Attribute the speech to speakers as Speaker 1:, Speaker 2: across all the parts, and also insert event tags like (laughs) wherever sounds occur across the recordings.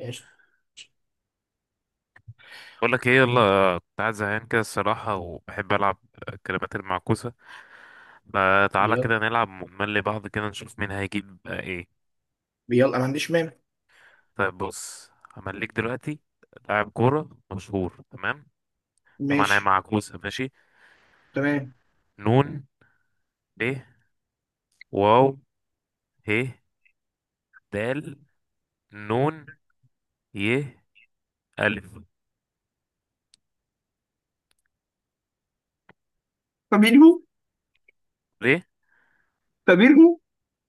Speaker 1: قشطة.
Speaker 2: بقول لك ايه، يلا. كنت قاعد زهقان كده الصراحة، وبحب ألعب الكلمات المعكوسة. فتعالى
Speaker 1: يلا.
Speaker 2: كده نلعب ونملي بعض كده نشوف مين هيجيب. ايه.
Speaker 1: يلا، ما عنديش مانع.
Speaker 2: طيب بص، همليك دلوقتي لاعب كورة مشهور. تمام، طبعا هي
Speaker 1: ماشي.
Speaker 2: معكوسة. ماشي.
Speaker 1: تمام.
Speaker 2: نون، ب، واو، ه، دال، نون، ي، ألف.
Speaker 1: فابينهو.
Speaker 2: ليه؟
Speaker 1: فابينهو.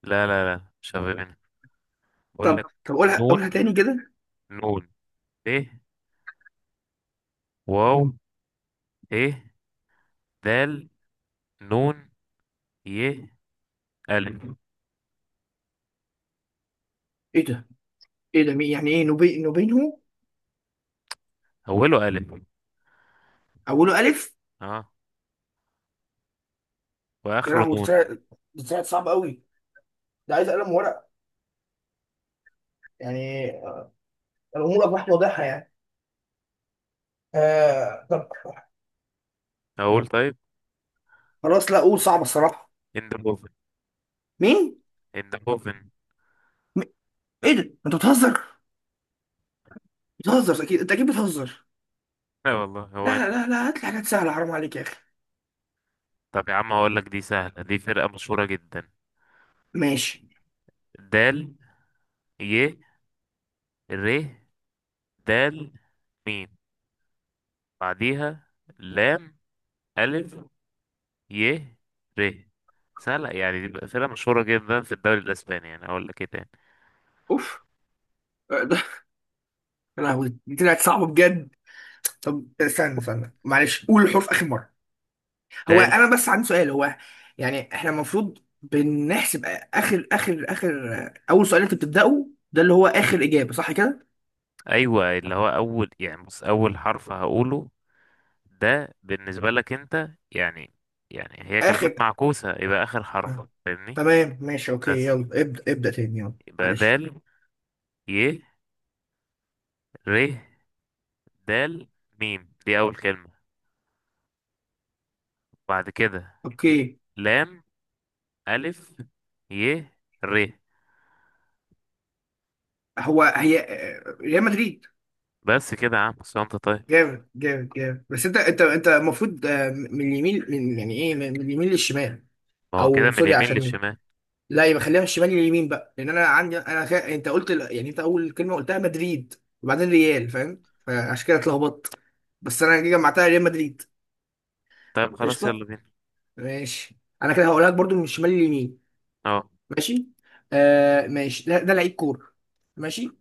Speaker 2: لا لا لا، مش هفهمني. بقول
Speaker 1: طب
Speaker 2: لك.
Speaker 1: طب قولها
Speaker 2: نون
Speaker 1: تاني كده.
Speaker 2: نون ب، واو، ه، دال، نون، ي، ألف.
Speaker 1: ايه ده؟ ايه ده؟ مين؟ يعني ايه نوبي نوبينهو؟
Speaker 2: أوله ألف.
Speaker 1: اوله الف.
Speaker 2: اه.
Speaker 1: يا
Speaker 2: واخره
Speaker 1: لهوي، ده
Speaker 2: نون.
Speaker 1: طلع ده طلع صعب قوي. ده عايز قلم ورق يعني. الامور اصبحت واضحه يعني. طب.
Speaker 2: اقول طيب.
Speaker 1: خلاص، لا قول. صعب الصراحه.
Speaker 2: اندهوفن.
Speaker 1: مين؟
Speaker 2: اندهوفن.
Speaker 1: م- ايه ده؟ انت بتهزر؟ بتهزر اكيد، انت اكيد بتهزر.
Speaker 2: لا والله، هو اند.
Speaker 1: لا لا لا، هات لي حاجات سهله، حرام عليك يا اخي.
Speaker 2: طب يا عم، هقول لك دي سهله، دي فرقه مشهوره جدا.
Speaker 1: ماشي.
Speaker 2: دال، ي، ر، دال، ميم. بعديها لام، الف، ي، ر. سهله يعني، دي بقى فرقه مشهوره جدا في الدوري الاسباني. يعني اقول لك ايه تاني؟
Speaker 1: اوف. ده. يا لهوي، دي طلعت صعبه بجد. طب استنى معلش، قول الحروف اخر مره. هو
Speaker 2: دال.
Speaker 1: انا بس عندي سؤال. هو يعني احنا المفروض بنحسب اخر اخر اخر اول سؤال انت بتبداه، ده اللي هو اخر اجابه، صح كده؟
Speaker 2: ايوه، اللي هو اول، يعني بص اول حرف هقوله ده بالنسبه لك انت يعني. يعني هي كلمات
Speaker 1: اخر.
Speaker 2: معكوسه، يبقى اخر حرف،
Speaker 1: آه.
Speaker 2: فاهمني؟
Speaker 1: تمام ماشي اوكي
Speaker 2: بس.
Speaker 1: يلا. ابدا تاني، يلا.
Speaker 2: يبقى
Speaker 1: معلش.
Speaker 2: دال، ي، ر، دال، ميم دي أول كلمة. بعد كده
Speaker 1: اوكي.
Speaker 2: لام، ألف، ي، ر.
Speaker 1: هو هي آه، ريال مدريد.
Speaker 2: بس كده يا عم، بس انت طيب.
Speaker 1: جامد جامد جامد. بس انت المفروض، من اليمين. من يعني ايه من من اليمين للشمال.
Speaker 2: ما هو كده
Speaker 1: او
Speaker 2: من
Speaker 1: سوري،
Speaker 2: اليمين
Speaker 1: عشان
Speaker 2: للشمال.
Speaker 1: لا، يبقى خليها في الشمال، اليمين بقى. لان انا عندي انت قلت يعني انت اول كلمه قلتها مدريد، وبعدين ريال، فاهم؟ فعشان كده اتلخبطت، بس انا جي جمعتها ريال مدريد.
Speaker 2: طيب خلاص، يلا
Speaker 1: قشطه.
Speaker 2: بينا.
Speaker 1: ماشي. انا كده هقولها لك برضو من الشمال اليمين.
Speaker 2: اه.
Speaker 1: ماشي. ماشي، ده لعيب كوره. ماشي.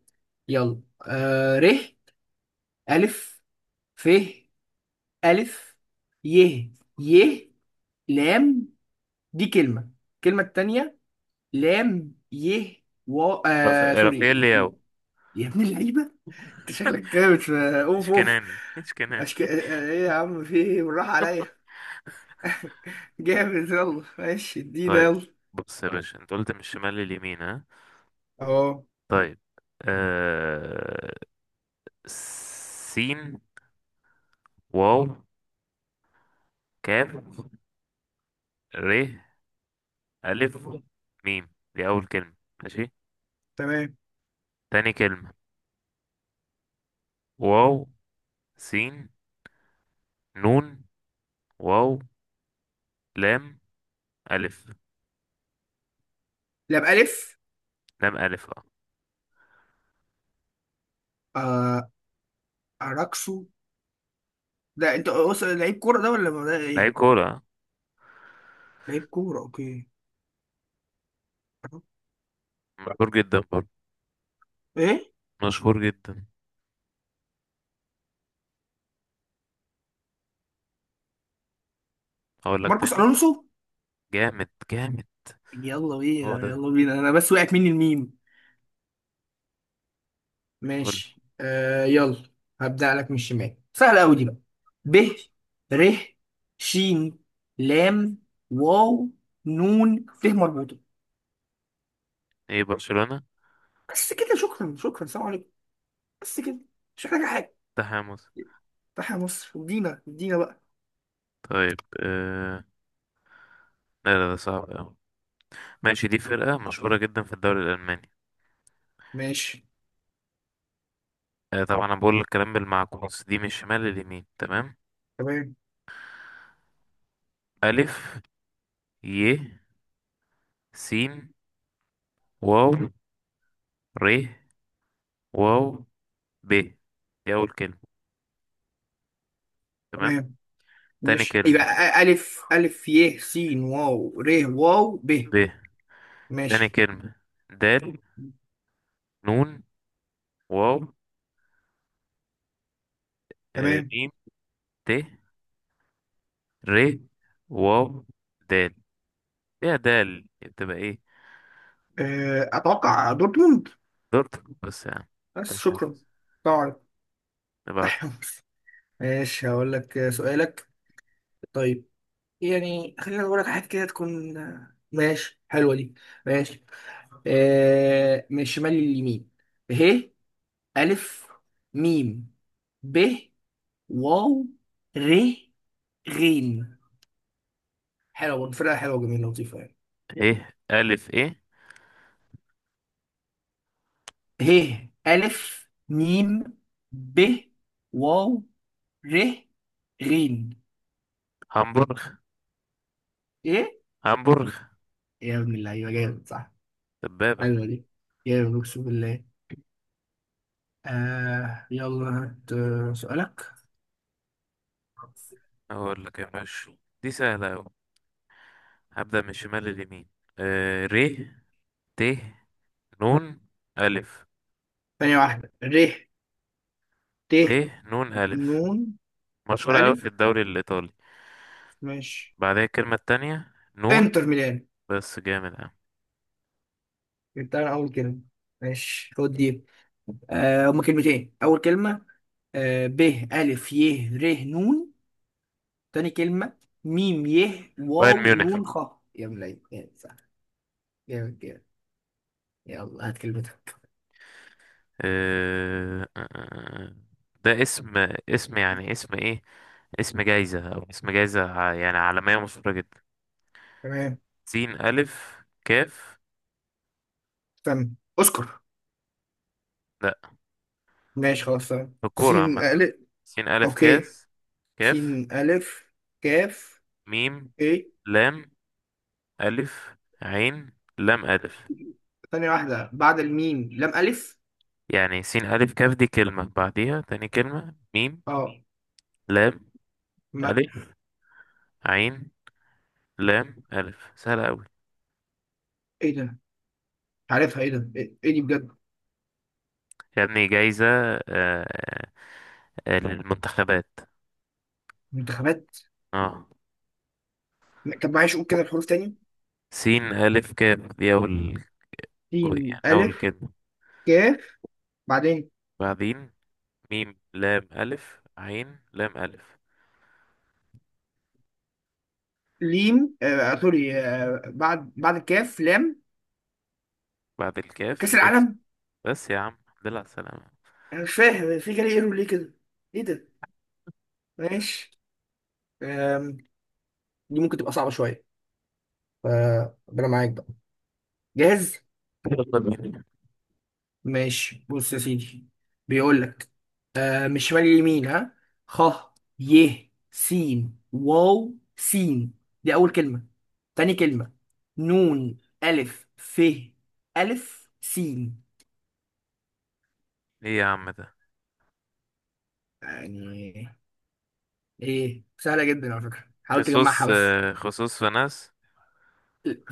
Speaker 1: يلا. ر، الف، ف، الف، ي، ي، لام. دي كلمه. الكلمه التانيه: لام، ي، و.
Speaker 2: رافائيل
Speaker 1: سوري.
Speaker 2: لياو.
Speaker 1: يا ابن اللعيبه، انت شكلك كده مش. اوف اوف.
Speaker 2: اشكناني، اشكناني.
Speaker 1: أشك... آه، ايه يا عم، في ايه؟ بالراحة عليا. (laughs) جامد، يلا ماشي ادينا
Speaker 2: طيب
Speaker 1: يلا.
Speaker 2: بص يا باشا، انت قلت من الشمال لليمين، ها؟
Speaker 1: اهو.
Speaker 2: طيب. آه... سين، واو، كاف، ر، ألف، ميم دي أول كلمة. ماشي.
Speaker 1: تمام.
Speaker 2: تاني كلمة: واو، سين، نون، واو، لام، ألف،
Speaker 1: لا، بألف.
Speaker 2: لام، ألف. اه.
Speaker 1: آه... أراكسو. ده انت لعيب كورة ده ولا ده
Speaker 2: لعيب
Speaker 1: ايه؟
Speaker 2: كورة. آه.
Speaker 1: لعيب كورة اوكي.
Speaker 2: مشهور جدا برضه،
Speaker 1: ايه؟
Speaker 2: مشهور جدا. هقول لك
Speaker 1: ماركوس
Speaker 2: تاني.
Speaker 1: ألونسو.
Speaker 2: جامد جامد.
Speaker 1: يلا
Speaker 2: هو
Speaker 1: بينا
Speaker 2: ده.
Speaker 1: يلا بينا، انا بس وقعت مني الميم.
Speaker 2: قول.
Speaker 1: ماشي، يلا. هبدأ لك من الشمال، سهلة أوي دي بقى. ب، ر، ش، لام، واو، نون، ت مربوطة.
Speaker 2: ايه برشلونة.
Speaker 1: بس كده، شكرا شكرا، سلام عليكم. بس كده، مش محتاجة حاجة.
Speaker 2: تحامس.
Speaker 1: فتح يا مصر، ادينا ادينا بقى.
Speaker 2: طيب. لا لا، ده صعب أوي. ماشي، دي فرقة مشهورة جدا في الدوري الألماني.
Speaker 1: ماشي.
Speaker 2: طبعا أنا بقول الكلام بالمعكوس، دي من الشمال لليمين، تمام؟
Speaker 1: تمام.
Speaker 2: ألف، ي، س، واو، ر، واو، ب دي أول كلمة. تمام.
Speaker 1: تمام
Speaker 2: تاني
Speaker 1: ماشي، يبقى
Speaker 2: كلمة
Speaker 1: ألف، ألف، ي، س، واو، ر، واو، ب.
Speaker 2: ب تاني
Speaker 1: ماشي.
Speaker 2: كلمة: دال، نون، واو،
Speaker 1: تمام.
Speaker 2: ميم، ت، ر، واو، دال. ايه يا دال، بتبقى ايه؟
Speaker 1: أتوقع دورتموند.
Speaker 2: دورتك بس يا عم.
Speaker 1: بس
Speaker 2: تلحق.
Speaker 1: شكرا، سلام عليكم،
Speaker 2: نبعت.
Speaker 1: تحيا مصر. ماشي، هقول لك سؤالك. طيب، يعني خلينا نقول لك حاجة كده تكون ماشي. حلوة دي. ماشي. من الشمال لليمين. ه، ألف، ميم، ب، واو، ر، غين. حلوة برضه، فرقة حلوة وجميلة لطيفة يعني.
Speaker 2: ايه ألف ايه.
Speaker 1: ه، ألف، ميم، ب، واو، ر، غين.
Speaker 2: هامبورغ.
Speaker 1: ايه؟
Speaker 2: هامبورغ.
Speaker 1: يا ابن اللعيبة، جامد صح.
Speaker 2: دبابة.
Speaker 1: حلوة دي، جامد أقسم بالله. يلا، هات سؤالك.
Speaker 2: أقول لك يا باشا، دي سهلة أوي. هبدأ من الشمال لليمين. ر، ت، نون، ألف.
Speaker 1: ثانية واحدة، ر، ت،
Speaker 2: ت، نون، ألف.
Speaker 1: نون،
Speaker 2: مشهورة أوي
Speaker 1: ألف.
Speaker 2: في الدوري الإيطالي.
Speaker 1: ماشي.
Speaker 2: بعدها الكلمة التانية نون.
Speaker 1: انتر ميلان.
Speaker 2: بس جامد أوي.
Speaker 1: جبتها أنا أول كلمة. ماشي، خد دي. هما كلمتين. أول كلمة: ب، ألف، ي، ر، نون. تاني كلمة: ميم، ي،
Speaker 2: بايرن
Speaker 1: واو،
Speaker 2: ميونخ.
Speaker 1: نون، خ. يا ملاي يا، صح. جامد جامد. يلا هات كلمتك.
Speaker 2: آه، آه، آه، آه. ده اسم. اسم يعني، اسم ايه. اسم جايزة، او اسم جايزة يعني عالمية مشهورة جدا.
Speaker 1: تمام.
Speaker 2: سين، ألف، كاف.
Speaker 1: استنى. اذكر.
Speaker 2: لا،
Speaker 1: ماشي خلاص تمام.
Speaker 2: في الكورة
Speaker 1: سين،
Speaker 2: عامة.
Speaker 1: ألف.
Speaker 2: سين، ألف،
Speaker 1: أوكي.
Speaker 2: كاف،
Speaker 1: سين، ألف، كاف،
Speaker 2: ميم،
Speaker 1: ا.
Speaker 2: لام، ألف، عين، لام، ألف.
Speaker 1: ثانية واحدة، بعد الميم لام ألف؟
Speaker 2: يعني سين، ألف، كاف دي كلمة، بعديها تاني كلمة ميم،
Speaker 1: اه.
Speaker 2: لام،
Speaker 1: ما.
Speaker 2: ألف، عين، لام، ألف. سهلة أوي.
Speaker 1: ايه ده؟ مش عارفها. ايه ده؟ ايه، إيه دي بجد؟
Speaker 2: يا ابني، جايزة. آه، للمنتخبات.
Speaker 1: منتخبات؟
Speaker 2: اه.
Speaker 1: طب معلش، قول كده الحروف تاني.
Speaker 2: سين، ألف، كاف دي أول جزء
Speaker 1: سين،
Speaker 2: يعني أول
Speaker 1: ألف،
Speaker 2: كلمة.
Speaker 1: كاف. بعدين.
Speaker 2: بعدين ميم، لام، ألف، عين، لام، ألف.
Speaker 1: ليم، سوري. بعد الكاف لام.
Speaker 2: بعد الكاف
Speaker 1: كأس
Speaker 2: اف.
Speaker 1: العالم.
Speaker 2: بس يا عم. دل على السلامة.
Speaker 1: أنا مش فاهم، في جالي ايرور ليه كده؟ ايه ده؟ ماشي. آم، دي ممكن تبقى صعبة شوية، فربنا معاك بقى. جاهز؟
Speaker 2: (laughs) يلا بينا.
Speaker 1: ماشي، بص يا سيدي. بيقول لك من شمال ليمين ها. خ، ي، س، واو، س. دي أول كلمة. تاني كلمة: نون، ألف، ف، ألف، س.
Speaker 2: إيه يا عم ده.
Speaker 1: يعني إيه؟ سهلة جدا على فكرة، حاول تجمعها بس.
Speaker 2: خصوص فناس.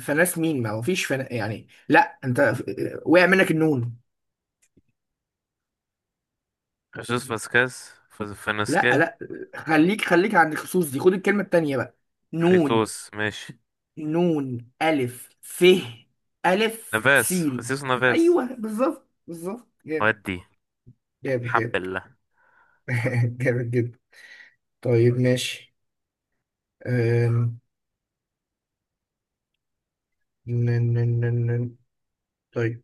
Speaker 1: فناس مين؟ ما هو فيش فنا يعني. لا أنت وقع منك النون. لا
Speaker 2: فنسكاس.
Speaker 1: لا، خليك عند الخصوص دي، خد الكلمة التانية بقى. نون،
Speaker 2: خيتوس ماشي.
Speaker 1: نون، ألف، ف، ألف،
Speaker 2: نفاس،
Speaker 1: سين.
Speaker 2: خصيص، نفاس.
Speaker 1: أيوه، بالظبط بالظبط، جامد.
Speaker 2: ودي
Speaker 1: جامد
Speaker 2: حب.
Speaker 1: جامد. (laughs) جامد جدا. طيب ماشي. أم... ن- ن- ن- ن- طيب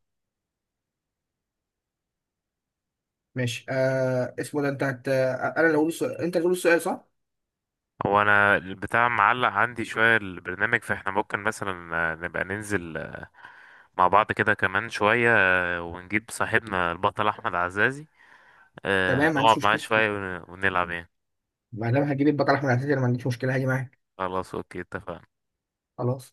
Speaker 1: ماشي. اسمه ده أنت أنا اللي هقول السؤال، أنت اللي هتقول السؤال، صح؟
Speaker 2: هو انا البتاع معلق عندي شوية البرنامج، فاحنا ممكن مثلا نبقى ننزل مع بعض كده كمان شوية، ونجيب صاحبنا البطل احمد عزازي،
Speaker 1: تمام، ما
Speaker 2: نقعد
Speaker 1: عنديش
Speaker 2: معاه
Speaker 1: مشكلة.
Speaker 2: شوية ونلعب يعني.
Speaker 1: ما دام هجيب البقرة أحمد عزيز، أنا ما عنديش مشكلة، هاجي معاك.
Speaker 2: خلاص، اوكي، اتفقنا.
Speaker 1: خلاص.